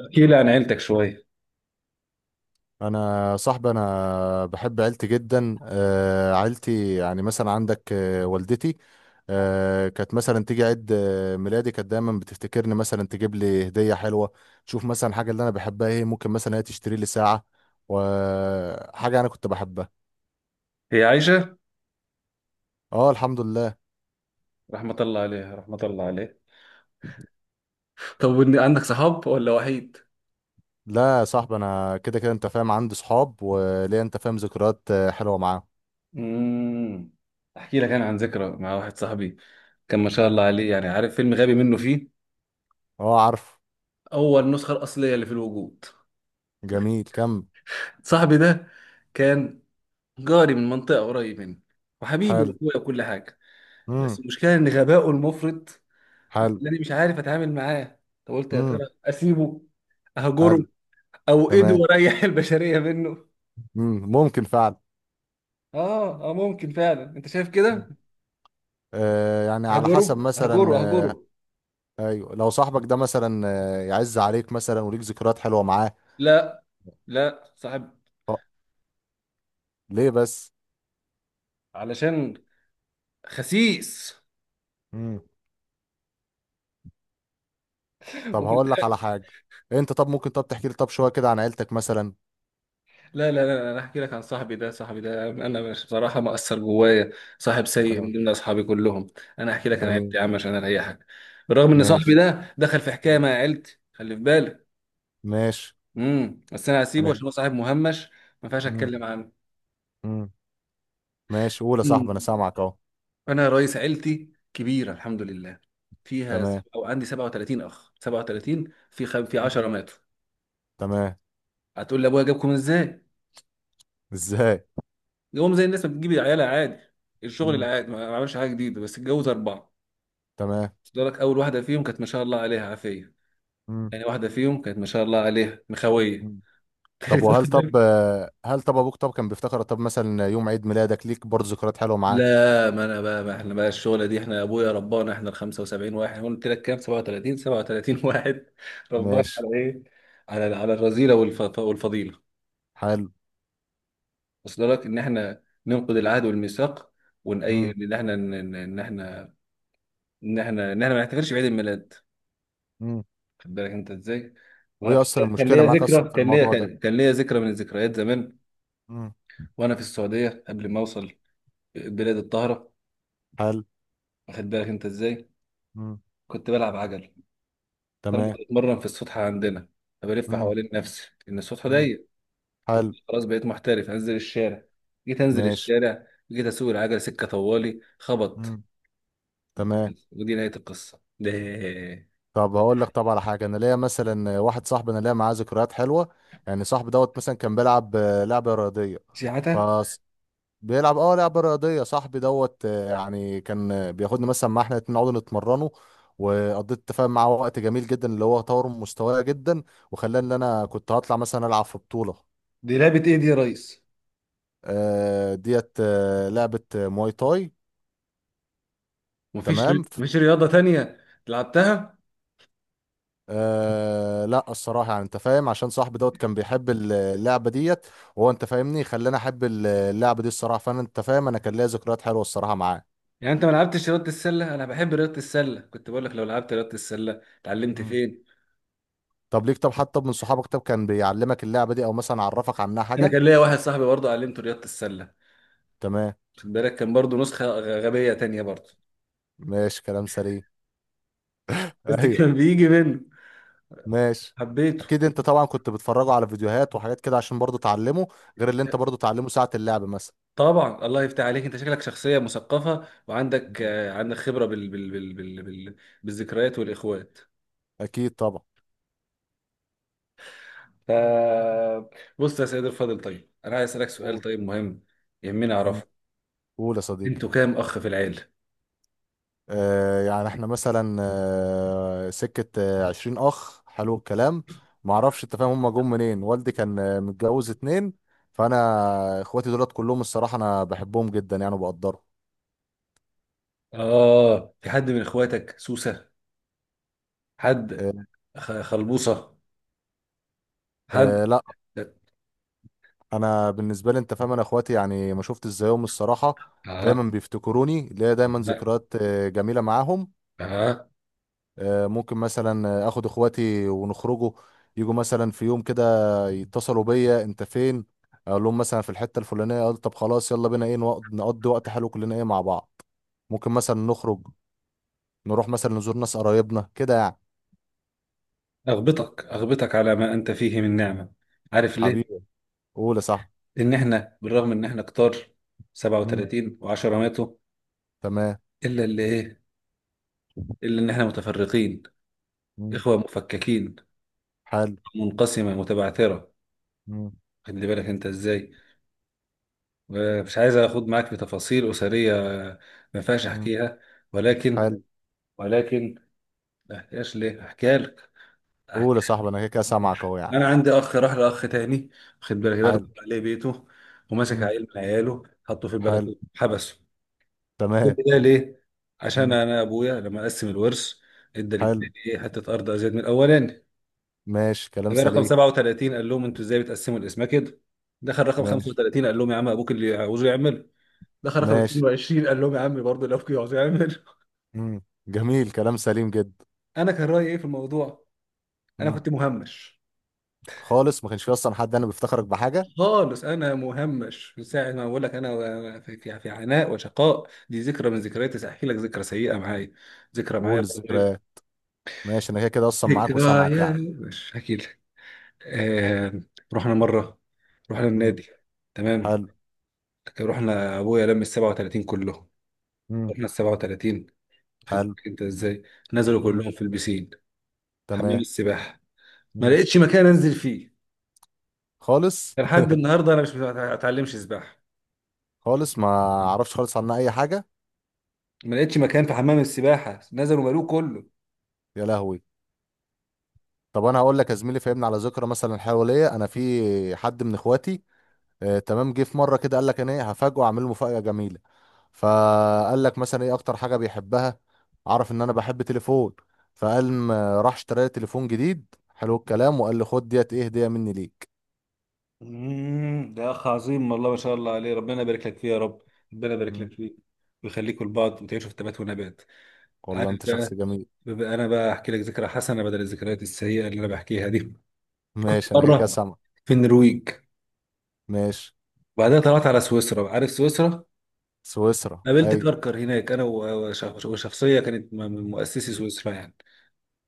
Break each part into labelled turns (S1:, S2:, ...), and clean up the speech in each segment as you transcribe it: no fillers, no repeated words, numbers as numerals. S1: احكي لي عن عيلتك شوي.
S2: انا صاحبي، انا بحب عيلتي جدا. عيلتي يعني مثلا عندك، والدتي كانت مثلا تيجي عيد ميلادي، كانت دايما بتفتكرني، مثلا تجيب لي هديه حلوه، تشوف مثلا حاجه اللي انا بحبها ايه. ممكن مثلا هي تشتري لي ساعه وحاجه انا كنت بحبها.
S1: هي عايشة؟
S2: اه الحمد لله.
S1: رحمة الله عليها، رحمة الله عليها. طب، عندك صحاب ولا وحيد؟
S2: لا يا صاحبي، انا كده كده انت فاهم عندي صحاب وليا انت فاهم ذكريات حلوه معاهم.
S1: امم احكي لك انا عن ذكرى مع واحد صاحبي. كان ما شاء
S2: مم.
S1: الله عليه، يعني عارف فيلم غبي منه فيه.
S2: اه عارف.
S1: أول نسخة الأصلية اللي في الوجود.
S2: جميل كم.
S1: صاحبي ده كان جاري من منطقة قريب مني، وحبيبي
S2: حلو.
S1: وأخويا وكل حاجة.
S2: امم.
S1: بس المشكلة إن غبائه المفرط
S2: حلو.
S1: مخلاني مش عارف أتعامل معاه. طب قلت يا ترى
S2: امم.
S1: أسيبه، أهجره،
S2: حلو.
S1: أو إيده
S2: تمام.
S1: وأريح البشرية منه.
S2: مم، ممكن فعلا.
S1: اه اه، ممكن فعلا، انت شايف
S2: مم.
S1: كده؟
S2: آه يعني على
S1: هجره،
S2: حسب
S1: هجره،
S2: مثلا
S1: هجره.
S2: آه. ايوه، لو صاحبك ده مثلا آه يعز عليك مثلا وليك ذكريات حلوه معاه.
S1: لا، لا صاحب،
S2: أه، ليه بس.
S1: علشان خسيس.
S2: امم. طب
S1: وفي
S2: هقول لك على
S1: الآخر-
S2: حاجه، انت طب ممكن طب تحكي لي طب شويه كده عن عيلتك مثلا.
S1: لا لا لا، انا احكي لك عن صاحبي ده. صاحبي ده انا مش بصراحه مأثر جوايا. صاحب سيء من
S2: اه.
S1: ضمن اصحابي كلهم. انا احكي لك عن عيلتي
S2: جميل.
S1: يا عم عشان اريحك. بالرغم ان صاحبي
S2: ماشي.
S1: ده دخل في حكايه
S2: مم.
S1: مع عيلتي، خلي في بالك.
S2: ماشي.
S1: بس انا هسيبه عشان
S2: انا.
S1: هو صاحب مهمش، ما ينفعش
S2: مم.
S1: اتكلم
S2: امم ماشي. قول يا
S1: عنه.
S2: صاحبي انا سامعك اهو.
S1: انا رئيس عيلتي كبيره الحمد لله، فيها
S2: تمام.
S1: او عندي 37 اخ، 37 في
S2: مم.
S1: 10 ماتوا.
S2: تمام.
S1: هتقول لي ابويا جابكم ازاي؟
S2: ازاي.
S1: جابهم زي الناس ما بتجيب عيالها عادي. الشغل
S2: مم.
S1: العادي، ما عملش حاجه جديده، بس اتجوز اربعه.
S2: تمام.
S1: بس لك اول واحده فيهم كانت ما شاء الله عليها عافيه. يعني واحده فيهم كانت ما شاء الله عليها مخويه.
S2: امم. طب
S1: تالت
S2: وهل
S1: واحده.
S2: طب هل طب ابوك طب كان بيفتكر طب مثلا يوم عيد ميلادك، ليك برضه ذكريات حلوه معاه؟
S1: لا، ما انا بقى، ما احنا بقى الشغله دي، احنا ابويا ربانا احنا ال 75 واحد. قلت لك كام؟ 37، 37 واحد. ربانا
S2: ماشي.
S1: على ايه؟ على على الرذيله والفضيله.
S2: حلو.
S1: وصل لك ان احنا ننقض العهد والميثاق، وان اي
S2: امم.
S1: ان احنا، ان إن إن احنا، ان احنا ما نحتفلش بعيد الميلاد.
S2: امم.
S1: خد بالك انت ازاي. وانا
S2: وايه اصلا
S1: كان كان
S2: المشكله
S1: ليا
S2: معاك اصلا
S1: ذكرى
S2: في
S1: كان ليا
S2: الموضوع ده؟
S1: كان كان ليا ذكرى من الذكريات زمان.
S2: امم.
S1: وانا في السعوديه قبل ما اوصل بلاد الطاهره،
S2: حلو.
S1: واخد بالك انت ازاي.
S2: امم.
S1: كنت بلعب عجل، فانا
S2: تمام.
S1: كنت بتمرن في السطح عندنا. فبلف
S2: امم.
S1: حوالين نفسي ان السطح
S2: امم.
S1: ضيق. قلت
S2: حلو.
S1: خلاص بقيت محترف، انزل الشارع. جيت انزل
S2: ماشي.
S1: الشارع، جيت اسوق العجل سكه طوالي خبط.
S2: امم. تمام.
S1: ودي نهايه القصه ده
S2: طب هقول لك طب على حاجه، انا ليا مثلا واحد صاحبي، انا ليا معاه ذكريات حلوه. يعني صاحبي دوت مثلا كان بيلعب لعبه رياضيه. ف
S1: سياحتها.
S2: بيلعب اه لعبة رياضية صاحبي دوت، يعني كان بياخدني مثلا، مع احنا الاتنين نقعد نتمرنه، وقضيت تفاهم معاه وقت جميل جدا اللي هو طور من مستواي جدا، وخلاني ان انا كنت هطلع مثلا العب في بطولة.
S1: دي لعبة ايه دي يا ريس؟
S2: ديت لعبة مواي تاي. تمام.
S1: مفيش رياضة تانية لعبتها؟
S2: آه لا، الصراحة يعني انت فاهم، عشان صاحبي دوت كان بيحب اللعبة ديت، وهو انت فاهمني خلاني احب اللعبة دي الصراحة. فانا انت فاهم انا كان ليا ذكريات حلوة الصراحة معاه.
S1: يعني انت ما لعبتش رياضة السلة؟ انا بحب رياضة السلة، كنت بقول لك لو لعبت رياضة السلة اتعلمت
S2: مم.
S1: فين.
S2: طب ليك طب حتى من صحابك طب كان بيعلمك اللعبة دي او مثلا عرفك عنها
S1: انا
S2: حاجة؟
S1: كان ليا واحد صاحبي برضه علمته رياضة السلة.
S2: تمام.
S1: خد بالك، كان برضه نسخة غبية تانية برضه.
S2: ماشي، كلام سليم.
S1: بس
S2: ايوه.
S1: كان بيجي منه،
S2: ماشي.
S1: حبيته.
S2: اكيد انت طبعا كنت بتفرجوا على فيديوهات وحاجات كده عشان برضو تعلمه، غير اللي انت برضو تعلمه ساعة اللعب مثلا.
S1: طبعا الله يفتح عليك، انت شكلك شخصية مثقفة وعندك
S2: مم.
S1: عندك خبرة بالذكريات والاخوات.
S2: اكيد طبعا.
S1: آه. بص يا سيد الفاضل، طيب انا عايز اسالك سؤال،
S2: قول.
S1: طيب مهم، يهمني
S2: مم.
S1: اعرفه.
S2: قول يا صديقي.
S1: انتوا كام اخ في العيله؟
S2: آه يعني احنا مثلا آه سكة آه 20 اخ. حلو الكلام. معرفش، انت فاهم هم جم منين؟ والدي كان متجوز اتنين، فانا اخواتي دولت كلهم، الصراحة انا بحبهم جدا يعني وبقدرهم.
S1: اه، في حد من اخواتك سوسه؟ حد
S2: آه،
S1: خلبوصه؟ حد؟
S2: أه لا، انا بالنسبه لي انت فاهم انا اخواتي يعني ما شفتش زيهم الصراحه،
S1: اه،
S2: دايما بيفتكروني، ليا دايما
S1: لا.
S2: ذكريات جميله معاهم.
S1: اه.
S2: أه ممكن مثلا اخد اخواتي ونخرجوا، يجوا مثلا في يوم كده يتصلوا بيا انت فين، اقول لهم مثلا في الحته الفلانيه، اقول طب خلاص يلا بينا ايه نقضي وقت حلو كلنا ايه مع بعض. ممكن مثلا نخرج، نروح مثلا نزور ناس قرايبنا كده يعني.
S1: اغبطك، اغبطك على ما انت فيه من نعمه. عارف ليه؟
S2: حبيبي. قول يا صاحبي.
S1: ان احنا بالرغم ان احنا كتار
S2: مم،
S1: 37 و10 ماتوا،
S2: تمام.
S1: الا اللي ايه، الا ان احنا متفرقين،
S2: مم،
S1: اخوه مفككين،
S2: حلو.
S1: منقسمه متبعثره.
S2: مم،
S1: خلي بالك انت ازاي. مش عايز اخد معاك في تفاصيل اسريه، ما ينفعش
S2: مم،
S1: احكيها. ولكن،
S2: حلو.
S1: ولكن ما احكيهاش ليه احكيها لك.
S2: قول يا
S1: أحكيها.
S2: صاحبي، انا كده كده سامعك اهو يعني.
S1: انا عندي اخ راح لاخ تاني، واخد بالك، ده غدر
S2: حلو.
S1: عليه بيته، ومسك
S2: مم.
S1: عيل من عياله حطه في
S2: حلو.
S1: البلكونه حبسه. كل
S2: تمام.
S1: ده ليه؟ عشان
S2: مم.
S1: انا ابويا لما قسم الورث ادى
S2: حلو.
S1: للتاني ايه حته ارض ازيد من الاولاني.
S2: ماشي، كلام
S1: جه رقم
S2: سليم.
S1: 37 قال لهم انتوا ازاي بتقسموا الاسماء كده. دخل رقم
S2: ماشي.
S1: 35 قال لهم يا عم ابوك اللي عاوزه يعمله. دخل رقم
S2: ماشي.
S1: 22 قال لهم يا عم برضه اللي ابوك عاوزه يعمله.
S2: مم. جميل، كلام سليم جدا.
S1: انا كان رايي ايه في الموضوع؟ انا
S2: مم.
S1: كنت مهمش
S2: خالص، ما كانش في اصلا حد انا بيفتخرك بحاجه.
S1: خالص، انا مهمش من ساعه ما بقول لك، انا في عناء وشقاء. دي ذكرى من ذكرياتي، احكي لك ذكرى سيئه معايا، ذكرى معايا
S2: وقول
S1: بتغير.
S2: الذكريات. ماشي، انا كده كده اصلا معاك وسامعك
S1: ذكريات
S2: يعني.
S1: مش هحكي لك. آه. رحنا مره، رحنا النادي،
S2: مم.
S1: تمام.
S2: حلو.
S1: رحنا ابويا لم ال 37 كلهم،
S2: مم.
S1: رحنا ال 37، واخد
S2: حلو.
S1: بالك انت ازاي. نزلوا
S2: مم.
S1: كلهم في البسين، حمام
S2: تمام.
S1: السباحه. ما
S2: مم.
S1: لقيتش مكان انزل فيه،
S2: خالص.
S1: لحد النهارده انا مش ما اتعلمش سباحه.
S2: خالص ما اعرفش خالص عنها اي حاجه.
S1: ما لقيتش مكان في حمام السباحه، نزلوا ملوه كله.
S2: يا لهوي. طب انا هقول لك يا زميلي، فهمنا على ذكرى مثلا حواليا، انا في حد من اخواتي تمام جه في مره كده قال لك انا ايه هفاجئه اعمل له مفاجاه جميله، فقال لك مثلا ايه اكتر حاجه بيحبها، عرف ان انا بحب تليفون، فقال ما راح اشترى لي تليفون جديد. حلو الكلام. وقال لي خد ديت ايه هديه مني ليك.
S1: ده اخ عظيم، والله ما شاء الله عليه، ربنا يبارك لك فيه يا رب، ربنا يبارك
S2: مم.
S1: لك فيه، ويخليكوا لبعض وتعيشوا في تبات ونبات. عارف
S2: والله انت شخص
S1: بقى،
S2: جميل.
S1: بقى انا بقى احكي لك ذكرى حسنه بدل الذكريات السيئه اللي انا بحكيها دي. كنت
S2: ماشي انا كده كده
S1: مره
S2: سامع.
S1: في النرويج،
S2: ماشي.
S1: وبعدها طلعت على سويسرا، عارف سويسرا.
S2: سويسرا
S1: قابلت
S2: ايوه.
S1: كركر هناك انا وشخصيه كانت من مؤسسي سويسرا يعني.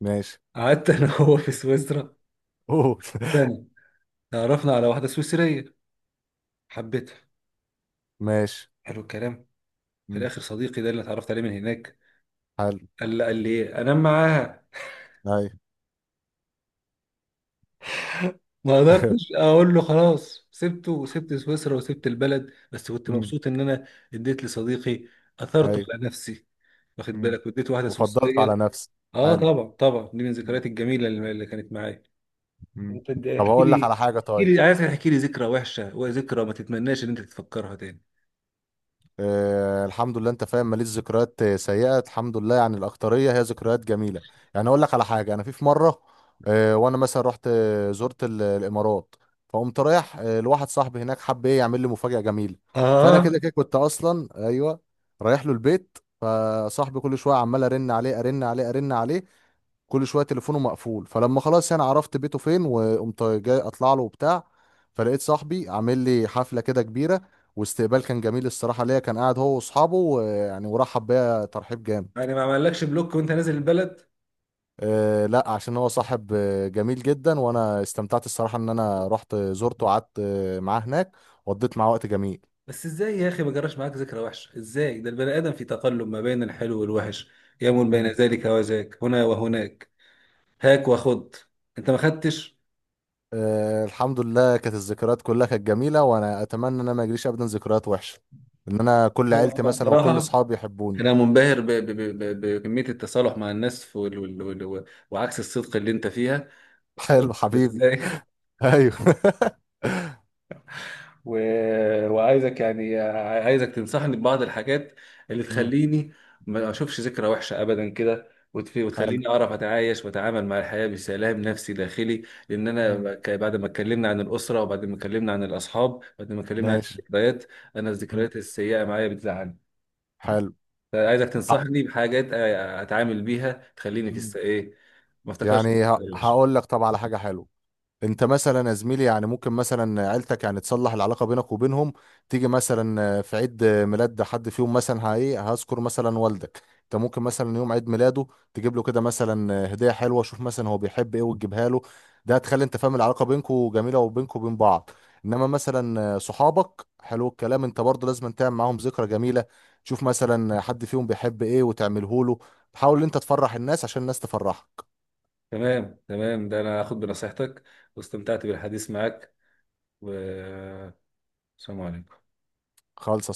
S2: ماشي.
S1: قعدت انا وهو في سويسرا
S2: قول.
S1: سنه. تعرفنا على واحده سويسريه، حبيتها،
S2: ماشي.
S1: حلو الكلام. في
S2: مم.
S1: الاخر صديقي ده اللي اتعرفت عليه من هناك
S2: حلو.
S1: قال لي ايه انام معاها.
S2: ايوه.
S1: ما قدرتش اقول له خلاص، سبته وسبت سويسرا وسبت البلد، بس كنت
S2: مم.
S1: مبسوط ان انا اديت لصديقي، اثرته
S2: ايوه.
S1: على نفسي، واخد
S2: مم.
S1: بالك، واديت واحده
S2: وفضلت
S1: سويسريه.
S2: على نفسي.
S1: اه
S2: حلو.
S1: طبعا طبعا، دي من الذكريات الجميله اللي كانت معايا.
S2: مم.
S1: انت
S2: طب
S1: احكي
S2: هقول لك على
S1: لي،
S2: حاجه
S1: احكي
S2: طيب.
S1: لي، عايز احكي لي ذكرى وحشه وذكرى ما تتمناش ان انت تفكرها تاني.
S2: آه الحمد لله انت فاهم، ماليش ذكريات سيئه الحمد لله، يعني الاكتريه هي ذكريات جميله. يعني اقول لك على حاجه، انا في مره، آه وانا مثلا رحت زرت الامارات، فقمت رايح آه لواحد صاحبي هناك، حب ايه يعمل لي مفاجاه جميله. فانا
S1: اه.
S2: كده كده كنت اصلا ايوه رايح له البيت. فصاحبي كل شويه عمال ارن عليه ارن عليه ارن عليه، كل شويه تليفونه مقفول. فلما خلاص انا عرفت بيته فين وقمت جاي اطلع له وبتاع، فلقيت صاحبي عامل لي حفله كده كبيره، واستقبال كان جميل الصراحة ليا، كان قاعد هو واصحابه، ويعني ورحب بيا ترحيب جامد.
S1: يعني ما عملكش بلوك وانت نازل البلد؟
S2: أه لا، عشان هو صاحب جميل جدا، وانا استمتعت الصراحة ان انا رحت زرته وقعدت معاه هناك، وقضيت معاه وقت جميل.
S1: بس ازاي يا اخي ما جراش معاك ذكرى وحشه ازاي؟ ده البني ادم في تقلب ما بين الحلو والوحش، يمون بين
S2: مم.
S1: ذلك وذاك، هنا وهناك، هاك وخد. انت ما خدتش؟
S2: أه الحمد لله، كانت الذكريات كلها كانت جميلة، وانا اتمنى ان انا ما يجريش ابدا ذكريات وحشة، ان انا كل
S1: لا،
S2: عيلتي
S1: أنا
S2: مثلا وكل
S1: بصراحه
S2: اصحابي يحبوني.
S1: انا منبهر بكميه التصالح مع الناس وعكس الصدق اللي انت فيها اصلا.
S2: حلو حبيبي.
S1: ازاي؟
S2: ايوه.
S1: و... وعايزك يعني، عايزك تنصحني ببعض الحاجات اللي
S2: مم.
S1: تخليني ما اشوفش ذكرى وحشه ابدا كده،
S2: حلو.
S1: وتخليني اعرف اتعايش واتعامل مع الحياه بسلام نفسي داخلي. لان
S2: مم.
S1: انا بعد ما اتكلمنا عن الاسره، وبعد ما اتكلمنا عن الاصحاب، بعد ما اتكلمنا عن
S2: ماشي.
S1: الذكريات، انا
S2: مم.
S1: الذكريات السيئه معايا بتزعلني. فعايزك
S2: حلو.
S1: تنصحني بحاجات اتعامل بيها تخليني في ايه ما افتكرش
S2: يعني
S1: الذكرى الوحشه.
S2: هقول لك طبعا على حاجه حلوه. انت مثلا يا زميلي، يعني ممكن مثلا عيلتك يعني تصلح العلاقه بينك وبينهم، تيجي مثلا في عيد ميلاد حد فيهم مثلا هايه هذكر مثلا والدك، انت ممكن مثلا يوم عيد ميلاده تجيب له كده مثلا هديه حلوه، شوف مثلا هو بيحب ايه وتجيبها له. ده هتخلي انت فاهم العلاقه بينكم جميله، وبينكم وبين بعض. انما مثلا صحابك، حلو الكلام، انت برضه لازم تعمل معاهم ذكرى جميله، تشوف مثلا حد فيهم بيحب ايه وتعمله له. تحاول انت تفرح الناس عشان الناس تفرحك.
S1: تمام، تمام، ده انا هاخد بنصيحتك، واستمتعت بالحديث معك، و السلام عليكم.
S2: خالص.